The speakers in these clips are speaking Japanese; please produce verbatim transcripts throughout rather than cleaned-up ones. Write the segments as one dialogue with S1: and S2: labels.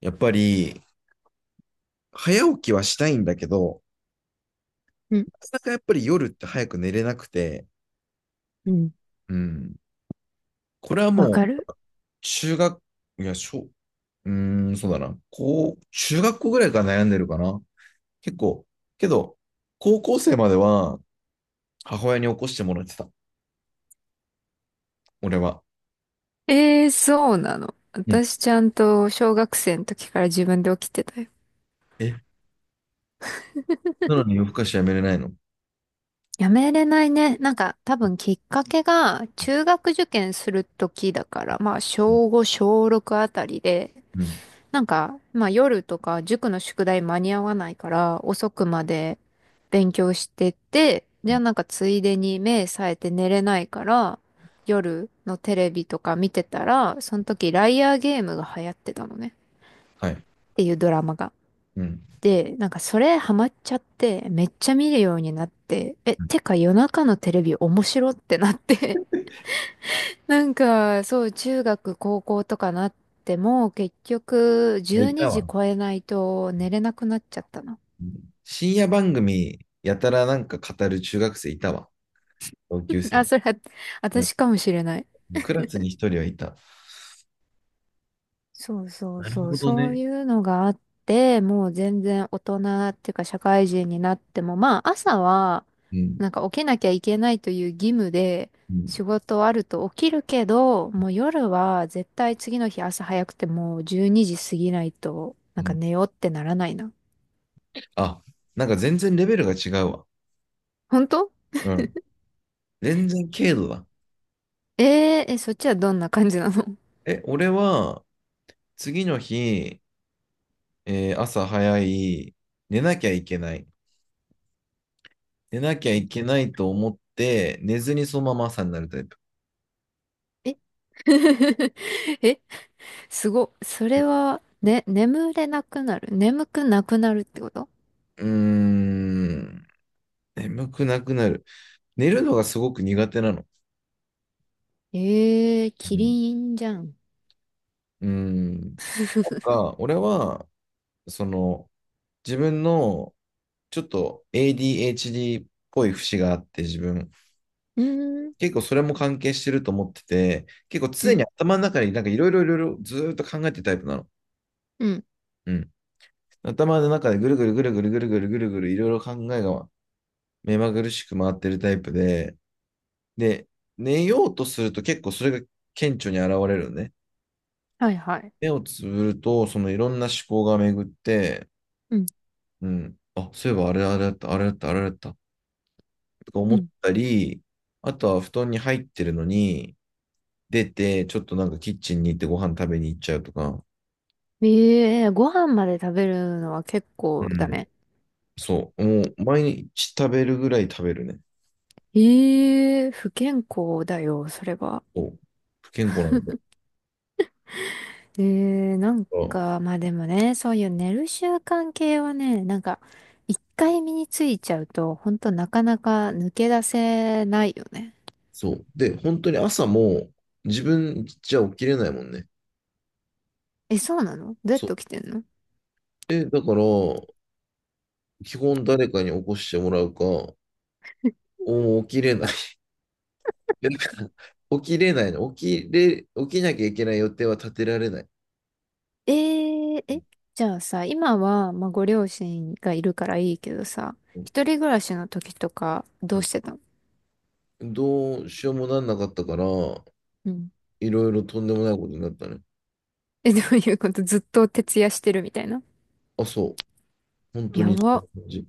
S1: やっぱり、早起きはしたいんだけど、
S2: うん、
S1: なかなかやっぱり夜って早く寝れなくて、
S2: うん。
S1: うん。これは
S2: わ
S1: もう、
S2: かる。
S1: 中学、いや、小、うーん、そうだな。こう、中学校ぐらいから悩んでるかな。結構、けど、高校生までは母親に起こしてもらってた。俺は。
S2: えーそうなの。
S1: うん。
S2: 私ちゃんと小学生の時から自分で起きてたよ。
S1: え、なのに夜更かしやめれないの？
S2: やめれないね。なんか多分きっかけが中学受験する時だから、まあ
S1: うん。
S2: 小ご、小ろくあたりで、
S1: うん。
S2: なんかまあ夜とか塾の宿題間に合わないから遅くまで勉強してて、じゃあなんかついでに目冴えて寝れないから、夜のテレビとか見てたら、その時ライアーゲームが流行ってたのね。
S1: はい。
S2: っていうドラマが。
S1: うん。
S2: で、なんかそれハマっちゃって、めっちゃ見るようになって、え、
S1: う
S2: てか夜中のテレビ面白ってなって、なんかそう、中学、高校とかなっても、結局
S1: ん。
S2: 12
S1: いた
S2: 時
S1: わ。
S2: 超えないと寝れなくなっちゃったの。
S1: うん。深夜番組、やたらなんか語る中学生いたわ。同級生
S2: あ、
S1: に。
S2: それ私かもしれない。
S1: クラスに一人はいた。
S2: そうそう
S1: なる
S2: そう、
S1: ほど
S2: そう
S1: ね。
S2: いうのがあって、もう全然大人っていうか社会人になっても、まあ朝は
S1: うん。
S2: なんか起きなきゃいけないという義務で
S1: う
S2: 仕
S1: ん。
S2: 事あると起きるけど、もう夜は絶対次の日朝早くてもうじゅうにじ過ぎないとな
S1: う
S2: んか
S1: ん。
S2: 寝ようってならないな。
S1: あ、なんか全然レベルが違うわ。
S2: 本当？
S1: うん。全然軽度だ。
S2: えー、え、そっちはどんな感じなの？
S1: え、俺は次の日、えー朝早い、寝なきゃいけない。寝なきゃいけないと思って、寝ずにそのまま朝になるタイプ。
S2: え え、すごっ。それは、ね、眠れなくなる。眠くなくなるってこと？
S1: うーん。眠くなくなる。寝るのがすごく苦手なの。
S2: ええ
S1: う
S2: キ
S1: ん。
S2: リンじゃん。
S1: うーん。なんか、俺は、その、自分のちょっと エーディーエイチディー っぽい節があって自分、
S2: うーん、
S1: 結構それも関係してると思ってて、結構
S2: う
S1: 常
S2: ん、
S1: に頭の中になんかいろいろいろいろずっと考えてるタイプなの。
S2: うん、
S1: うん。頭の中でぐるぐるぐるぐるぐるぐるぐるぐるいろいろ考えが目まぐるしく回ってるタイプで、で、寝ようとすると結構それが顕著に現れるね。
S2: はいはい。
S1: 目をつぶると、そのいろんな思考が巡って、
S2: うん、
S1: うん。あ、そういえばあれあれだった、あれだった、あれだった、とか
S2: う
S1: 思っ
S2: ん。
S1: たり、あとは布団に入ってるのに、出て、ちょっとなんかキッチンに行ってご飯食べに行っちゃうとか、
S2: ええご飯まで食べるのは結
S1: う
S2: 構だ
S1: ん。
S2: ね。
S1: そう、もう毎日食べるぐらい食べるね。
S2: ええ不健康だよ、それは。
S1: そう。不健康なんだよ。
S2: ええなん
S1: あ、
S2: か、まあでもね、そういう寝る習慣系はね、なんか、一回身についちゃうと、ほんとなかなか抜け出せないよね。
S1: そう。で、本当に朝も自分じゃ起きれないもんね。
S2: え、そうなの？どうやっ
S1: そ
S2: て
S1: う。
S2: 起きてんの？
S1: え、だから、基本誰かに起こしてもらうか、お起きれない。だから起きれないの。起きれ、起きなきゃいけない予定は立てられない。
S2: えー、え、じゃあさ、今は、まあ、ご両親がいるからいいけどさ、
S1: うん。
S2: 一人暮らしの時とか、
S1: う
S2: どう
S1: ん。
S2: してたの？
S1: どうしようもなんなかったから、
S2: うん。
S1: いろいろとんでもないことになったね。
S2: え、どういうこと？ずっと徹夜してるみたいな。
S1: あ、そう。本当
S2: や
S1: にそんな
S2: ば。
S1: 感じ。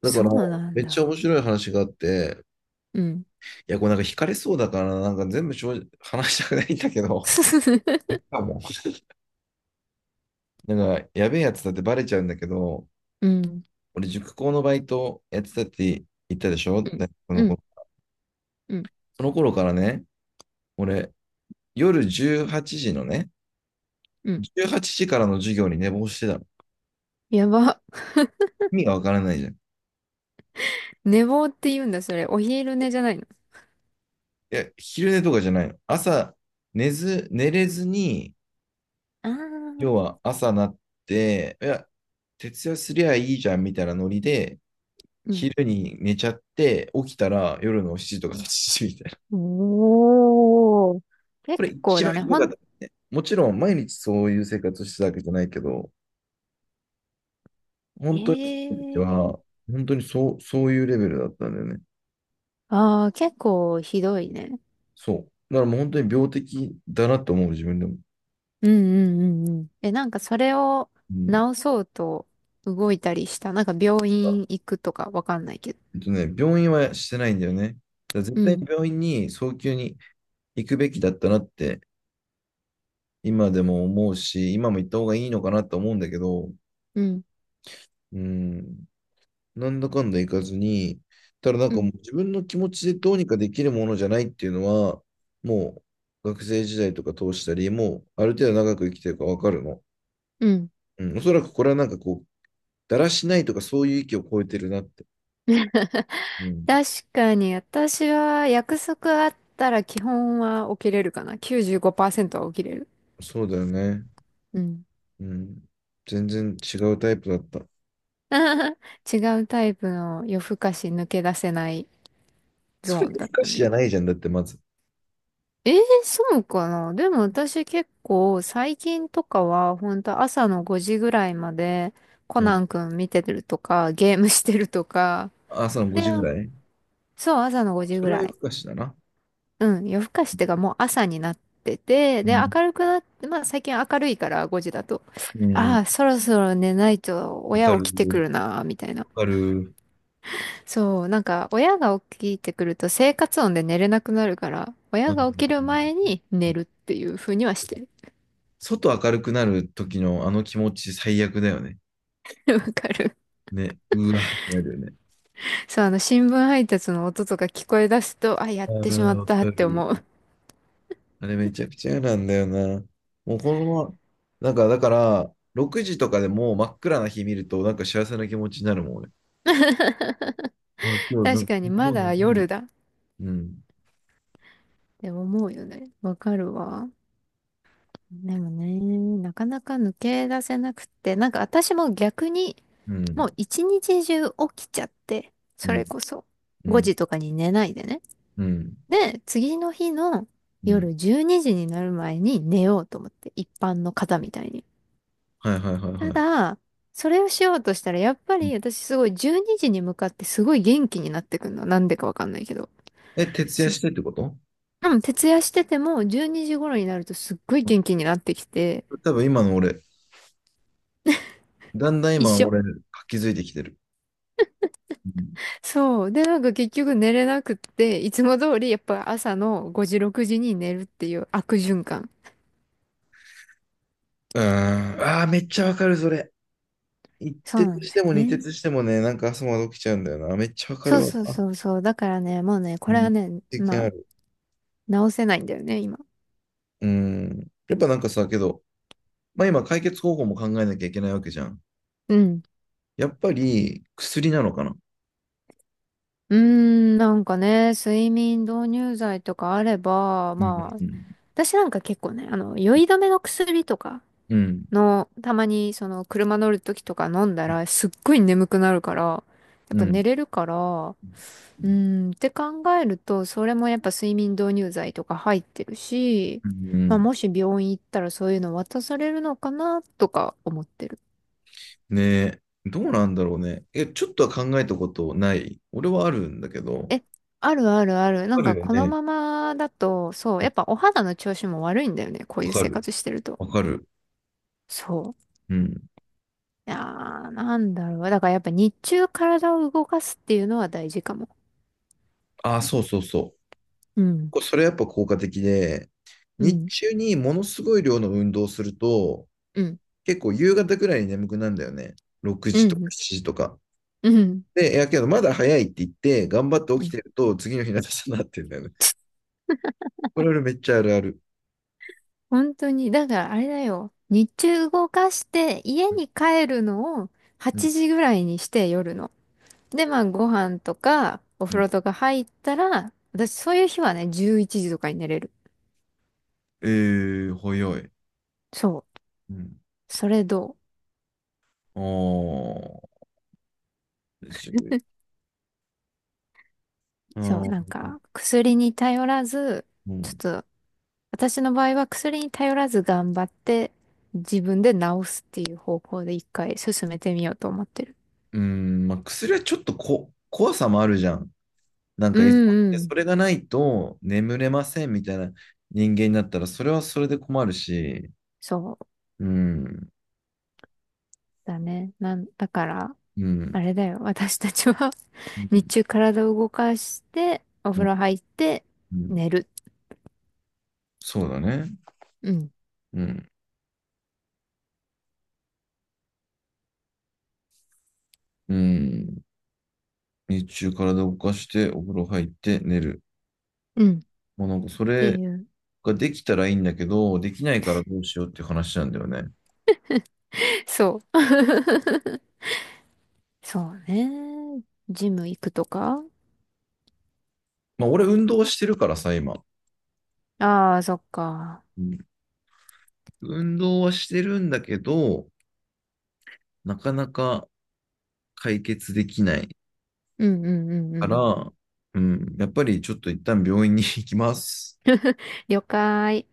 S1: だか
S2: そう
S1: ら、
S2: なん
S1: めっちゃ
S2: だ。
S1: 面白い話があって、
S2: うん。
S1: いや、これなんか惹かれそうだから、なんか全部正直話したくないんだけど、なんか、やべえやつだってバレちゃうんだけど、
S2: うん。
S1: 俺、塾講のバイトやってたって言ったでしょ？
S2: うん。
S1: ね、こ
S2: う
S1: の子。
S2: ん。うん。
S1: その頃からね、俺、夜じゅうはちじのね、
S2: うん。
S1: じゅうはちじからの授業に寝坊してたの。
S2: やば。
S1: 意味がわからないじゃん。い
S2: 寝坊って言うんだ、それ。お昼寝じゃないの。
S1: や、昼寝とかじゃないの。朝、寝ず、寝れずに、
S2: ああ
S1: 要
S2: ー。
S1: は朝なって、いや、徹夜すりゃいいじゃんみたいなノリで、
S2: うん。
S1: 昼に寝ちゃって、起きたら夜のしちじとかはちじみたいな。
S2: おー。
S1: こ
S2: 結
S1: れ
S2: 構
S1: 一
S2: だ
S1: 番
S2: ね。
S1: ひど
S2: ほ
S1: かっ
S2: ん、
S1: た。もちろん毎日そういう生活をしてたわけじゃないけど、
S2: え
S1: 本当にっ
S2: え
S1: は、
S2: ー。
S1: 本当にそう、そういうレベルだったんだよね。
S2: ああ、結構ひどいね。
S1: そう。だからもう本当に病的だなと思う、自分でも。
S2: うんうんうんうん。え、なんかそれを
S1: うん。
S2: 直そうと動いたりした？なんか病
S1: あ、
S2: 院行くとかわかんないけど。
S1: えっとね、病院はしてないんだよね。だから
S2: う
S1: 絶対に
S2: ん、
S1: 病院に早急に行くべきだったなって今でも思うし、今も行った方がいいのかなと思うんだけど、
S2: うん、
S1: うん、なんだかんだ行かずに、ただなん
S2: う
S1: かも
S2: ん、
S1: う自分の気持ちでどうにかできるものじゃないっていうのは、もう学生時代とか通したり、もうある程度長く生きてるからわかるの。
S2: うん。
S1: うん、おそらくこれはなんかこう、だらしないとかそういう域を超えてるなって。うん、
S2: 確かに私は約束あったら基本は起きれるかな。きゅうじゅうごパーセントは起きれる。
S1: そうだよね。
S2: うん。
S1: うん、全然違うタイプだった。
S2: 違うタイプの夜更かし抜け出せないゾ
S1: そ
S2: ー
S1: れ
S2: ン
S1: 夜
S2: だっ
S1: 更か
S2: た
S1: しじ
S2: ね。
S1: ゃないじゃん、だってまず。
S2: えー、そうかな。でも私結構最近とかは本当朝のごじぐらいまでコ
S1: う
S2: ナ
S1: ん、
S2: ンくん見てるとかゲームしてるとか。
S1: 朝の5
S2: で、
S1: 時ぐらい。
S2: そう、朝のごじ
S1: そ
S2: ぐ
S1: れは
S2: ら
S1: 夜
S2: い。
S1: 更かしだな。
S2: うん、夜更かしってかもう朝になってて、
S1: う
S2: で、
S1: ん。
S2: 明るくなって、まあ最近明るいからごじだと。
S1: う
S2: あ
S1: ん。
S2: あ、そろそろ寝ないと
S1: わ
S2: 親
S1: かる、
S2: 起きてくるな、みたいな。
S1: わかる。
S2: そう、なんか親が起きてくると生活音で寝れなくなるから、
S1: う
S2: 親が起きる前
S1: ん。
S2: に寝るっていう風にはしてる。
S1: 外明るくなる時のあの気持ち最悪だよね。
S2: わかる。
S1: ね。うわってなるよね。
S2: そう、あの、新聞配達の音とか聞こえ出すと、あ、やっ
S1: あ
S2: てしま
S1: あ、
S2: っ
S1: わ
S2: たっ
S1: か
S2: て
S1: る。
S2: 思う。
S1: あれめちゃくちゃ嫌なんだよな。もうこのまま、なんかだから、ろくじとかでもう真っ暗な日見ると、なんか幸せな気持ちになるもん、俺。あ、今日な
S2: 確
S1: んか、
S2: かに、
S1: も
S2: ま
S1: うの
S2: だ
S1: すごい。
S2: 夜だっ
S1: うん、
S2: て思うよね。わかるわ。でもね、なかなか抜け出せなくって、なんか私も逆に、
S1: う
S2: も
S1: ん、
S2: う一日中起きちゃって、
S1: う
S2: それ
S1: ん、
S2: こそ
S1: う
S2: 5
S1: ん、
S2: 時とかに寝ないでね。
S1: うん、
S2: で、次の日の
S1: うん。
S2: 夜じゅうにじにじになる前に寝ようと思って、一般の方みたいに。
S1: はいはいはい
S2: た
S1: はい。
S2: だ、それをしようとしたら、やっぱ
S1: う
S2: り
S1: ん。
S2: 私すごいじゅうにじにじに向かってすごい元気になってくるの。なんでかわかんないけど。
S1: え、徹夜
S2: すっ、
S1: してってこと？
S2: うん、徹夜しててもじゅうにじ頃になるとすっごい元気になってきて、
S1: 多分今の俺、だんだん
S2: 一
S1: 今、
S2: 緒。
S1: 俺、気づいてきてる。うん。
S2: そう。で、なんか結局寝れなくって、いつも通りやっぱ朝のごじ、ろくじに寝るっていう悪循環。
S1: うーん。ああ、めっちゃわかる、それ。一
S2: そう
S1: 徹
S2: なん
S1: し
S2: だよ
S1: ても二
S2: ね。
S1: 徹してもね、なんか朝まで起きちゃうんだよな。めっちゃわか
S2: そ
S1: る
S2: う
S1: わ。
S2: そうそうそう。だからね、もうね、
S1: う
S2: これは
S1: ん。
S2: ね、
S1: 経験
S2: ま
S1: あ
S2: あ、
S1: る。
S2: 直せないんだよね、今。
S1: うん。やっぱなんかさ、けど、まあ今、解決方法も考えなきゃいけないわけじゃん。
S2: うん。
S1: やっぱり、薬なのかな。
S2: うーん、なんかね、睡眠導入剤とかあれば、
S1: うん。
S2: まあ、
S1: うん。
S2: 私なんか結構ね、あの、酔い止めの薬とか
S1: うん。
S2: の、たまにその、車乗るときとか飲んだら、すっごい眠くなるから、やっ
S1: う
S2: ぱ
S1: ん。
S2: 寝れるから、うーん、って考えると、それもやっぱ睡眠導入剤とか入ってるし、
S1: う
S2: まあ、
S1: ん。
S2: もし病院行ったらそういうの渡されるのかな、とか思ってる。
S1: ねえ。どうなんだろうね。え、ちょっとは考えたことない？俺はあるんだけど。
S2: え、あるあるある。な
S1: あ
S2: ん
S1: る
S2: か
S1: よ
S2: この
S1: ね。
S2: ままだと、そう、やっぱお肌の調子も悪いんだよね。こう
S1: わ
S2: いう
S1: か
S2: 生
S1: る。
S2: 活してると。
S1: わかる。
S2: そう。
S1: うん。
S2: いやー、なんだろう。だからやっぱ日中体を動かすっていうのは大事かも。
S1: ああ、そうそうそう。
S2: うん。
S1: こそれやっぱ効果的で、
S2: う
S1: 日
S2: ん。
S1: 中にものすごい量の運動をすると、
S2: うん。
S1: 結構夕方くらいに眠くなるんだよね。6
S2: う
S1: 時とか
S2: ん。
S1: しちじとか。
S2: うん。
S1: で、いやけどまだ早いって言って、頑張って起
S2: う
S1: き
S2: ん。
S1: てると、次の日の朝になってんだよね。これ俺めっちゃあるある。
S2: 本当に。だからあれだよ。日中動かして家に帰るのを
S1: うん。
S2: はちじぐらいにして夜の。で、まあご飯とかお
S1: う
S2: 風
S1: ん、
S2: 呂とか入ったら、私そういう日はね、じゅういちじとかに寝れる。
S1: えー、早い。
S2: そう。
S1: うん。
S2: それどう？
S1: ああ、じゅうあ
S2: そう、なん
S1: ー
S2: か、薬に頼らず、
S1: う
S2: ちょっ
S1: ん。
S2: と、私の場合は薬に頼らず頑張って、自分で治すっていう方向で一回進めてみようと思ってる。
S1: うん、まあ、薬はちょっとこ怖さもあるじゃん。なん
S2: う
S1: か依存っ
S2: んう
S1: てそ
S2: ん。
S1: れがないと眠れませんみたいな人間になったらそれはそれで困るし、
S2: そう
S1: うん、
S2: だね。なん、だから、
S1: うん、
S2: あれだよ。私たちは
S1: うん、
S2: 日中体を動かして、お
S1: う
S2: 風
S1: ん。
S2: 呂入って、
S1: うん。
S2: 寝る。
S1: そうだね。
S2: うん。
S1: うん、うん。日中体を動かしてお風呂入って寝る。
S2: うん。っ
S1: もうなんかそ
S2: て
S1: れ
S2: いう。
S1: ができたらいいんだけど、できないからどうしようっていう話なんだよね。
S2: そう。そうね。ジム行くとか。
S1: まあ俺運動はしてるからさ、今。
S2: ああー、そっか。
S1: うん。運動はしてるんだけど、なかなか解決できない
S2: うんうんうんう
S1: か
S2: ん。
S1: ら、うん、やっぱりちょっと一旦病院に行きます。
S2: 了解。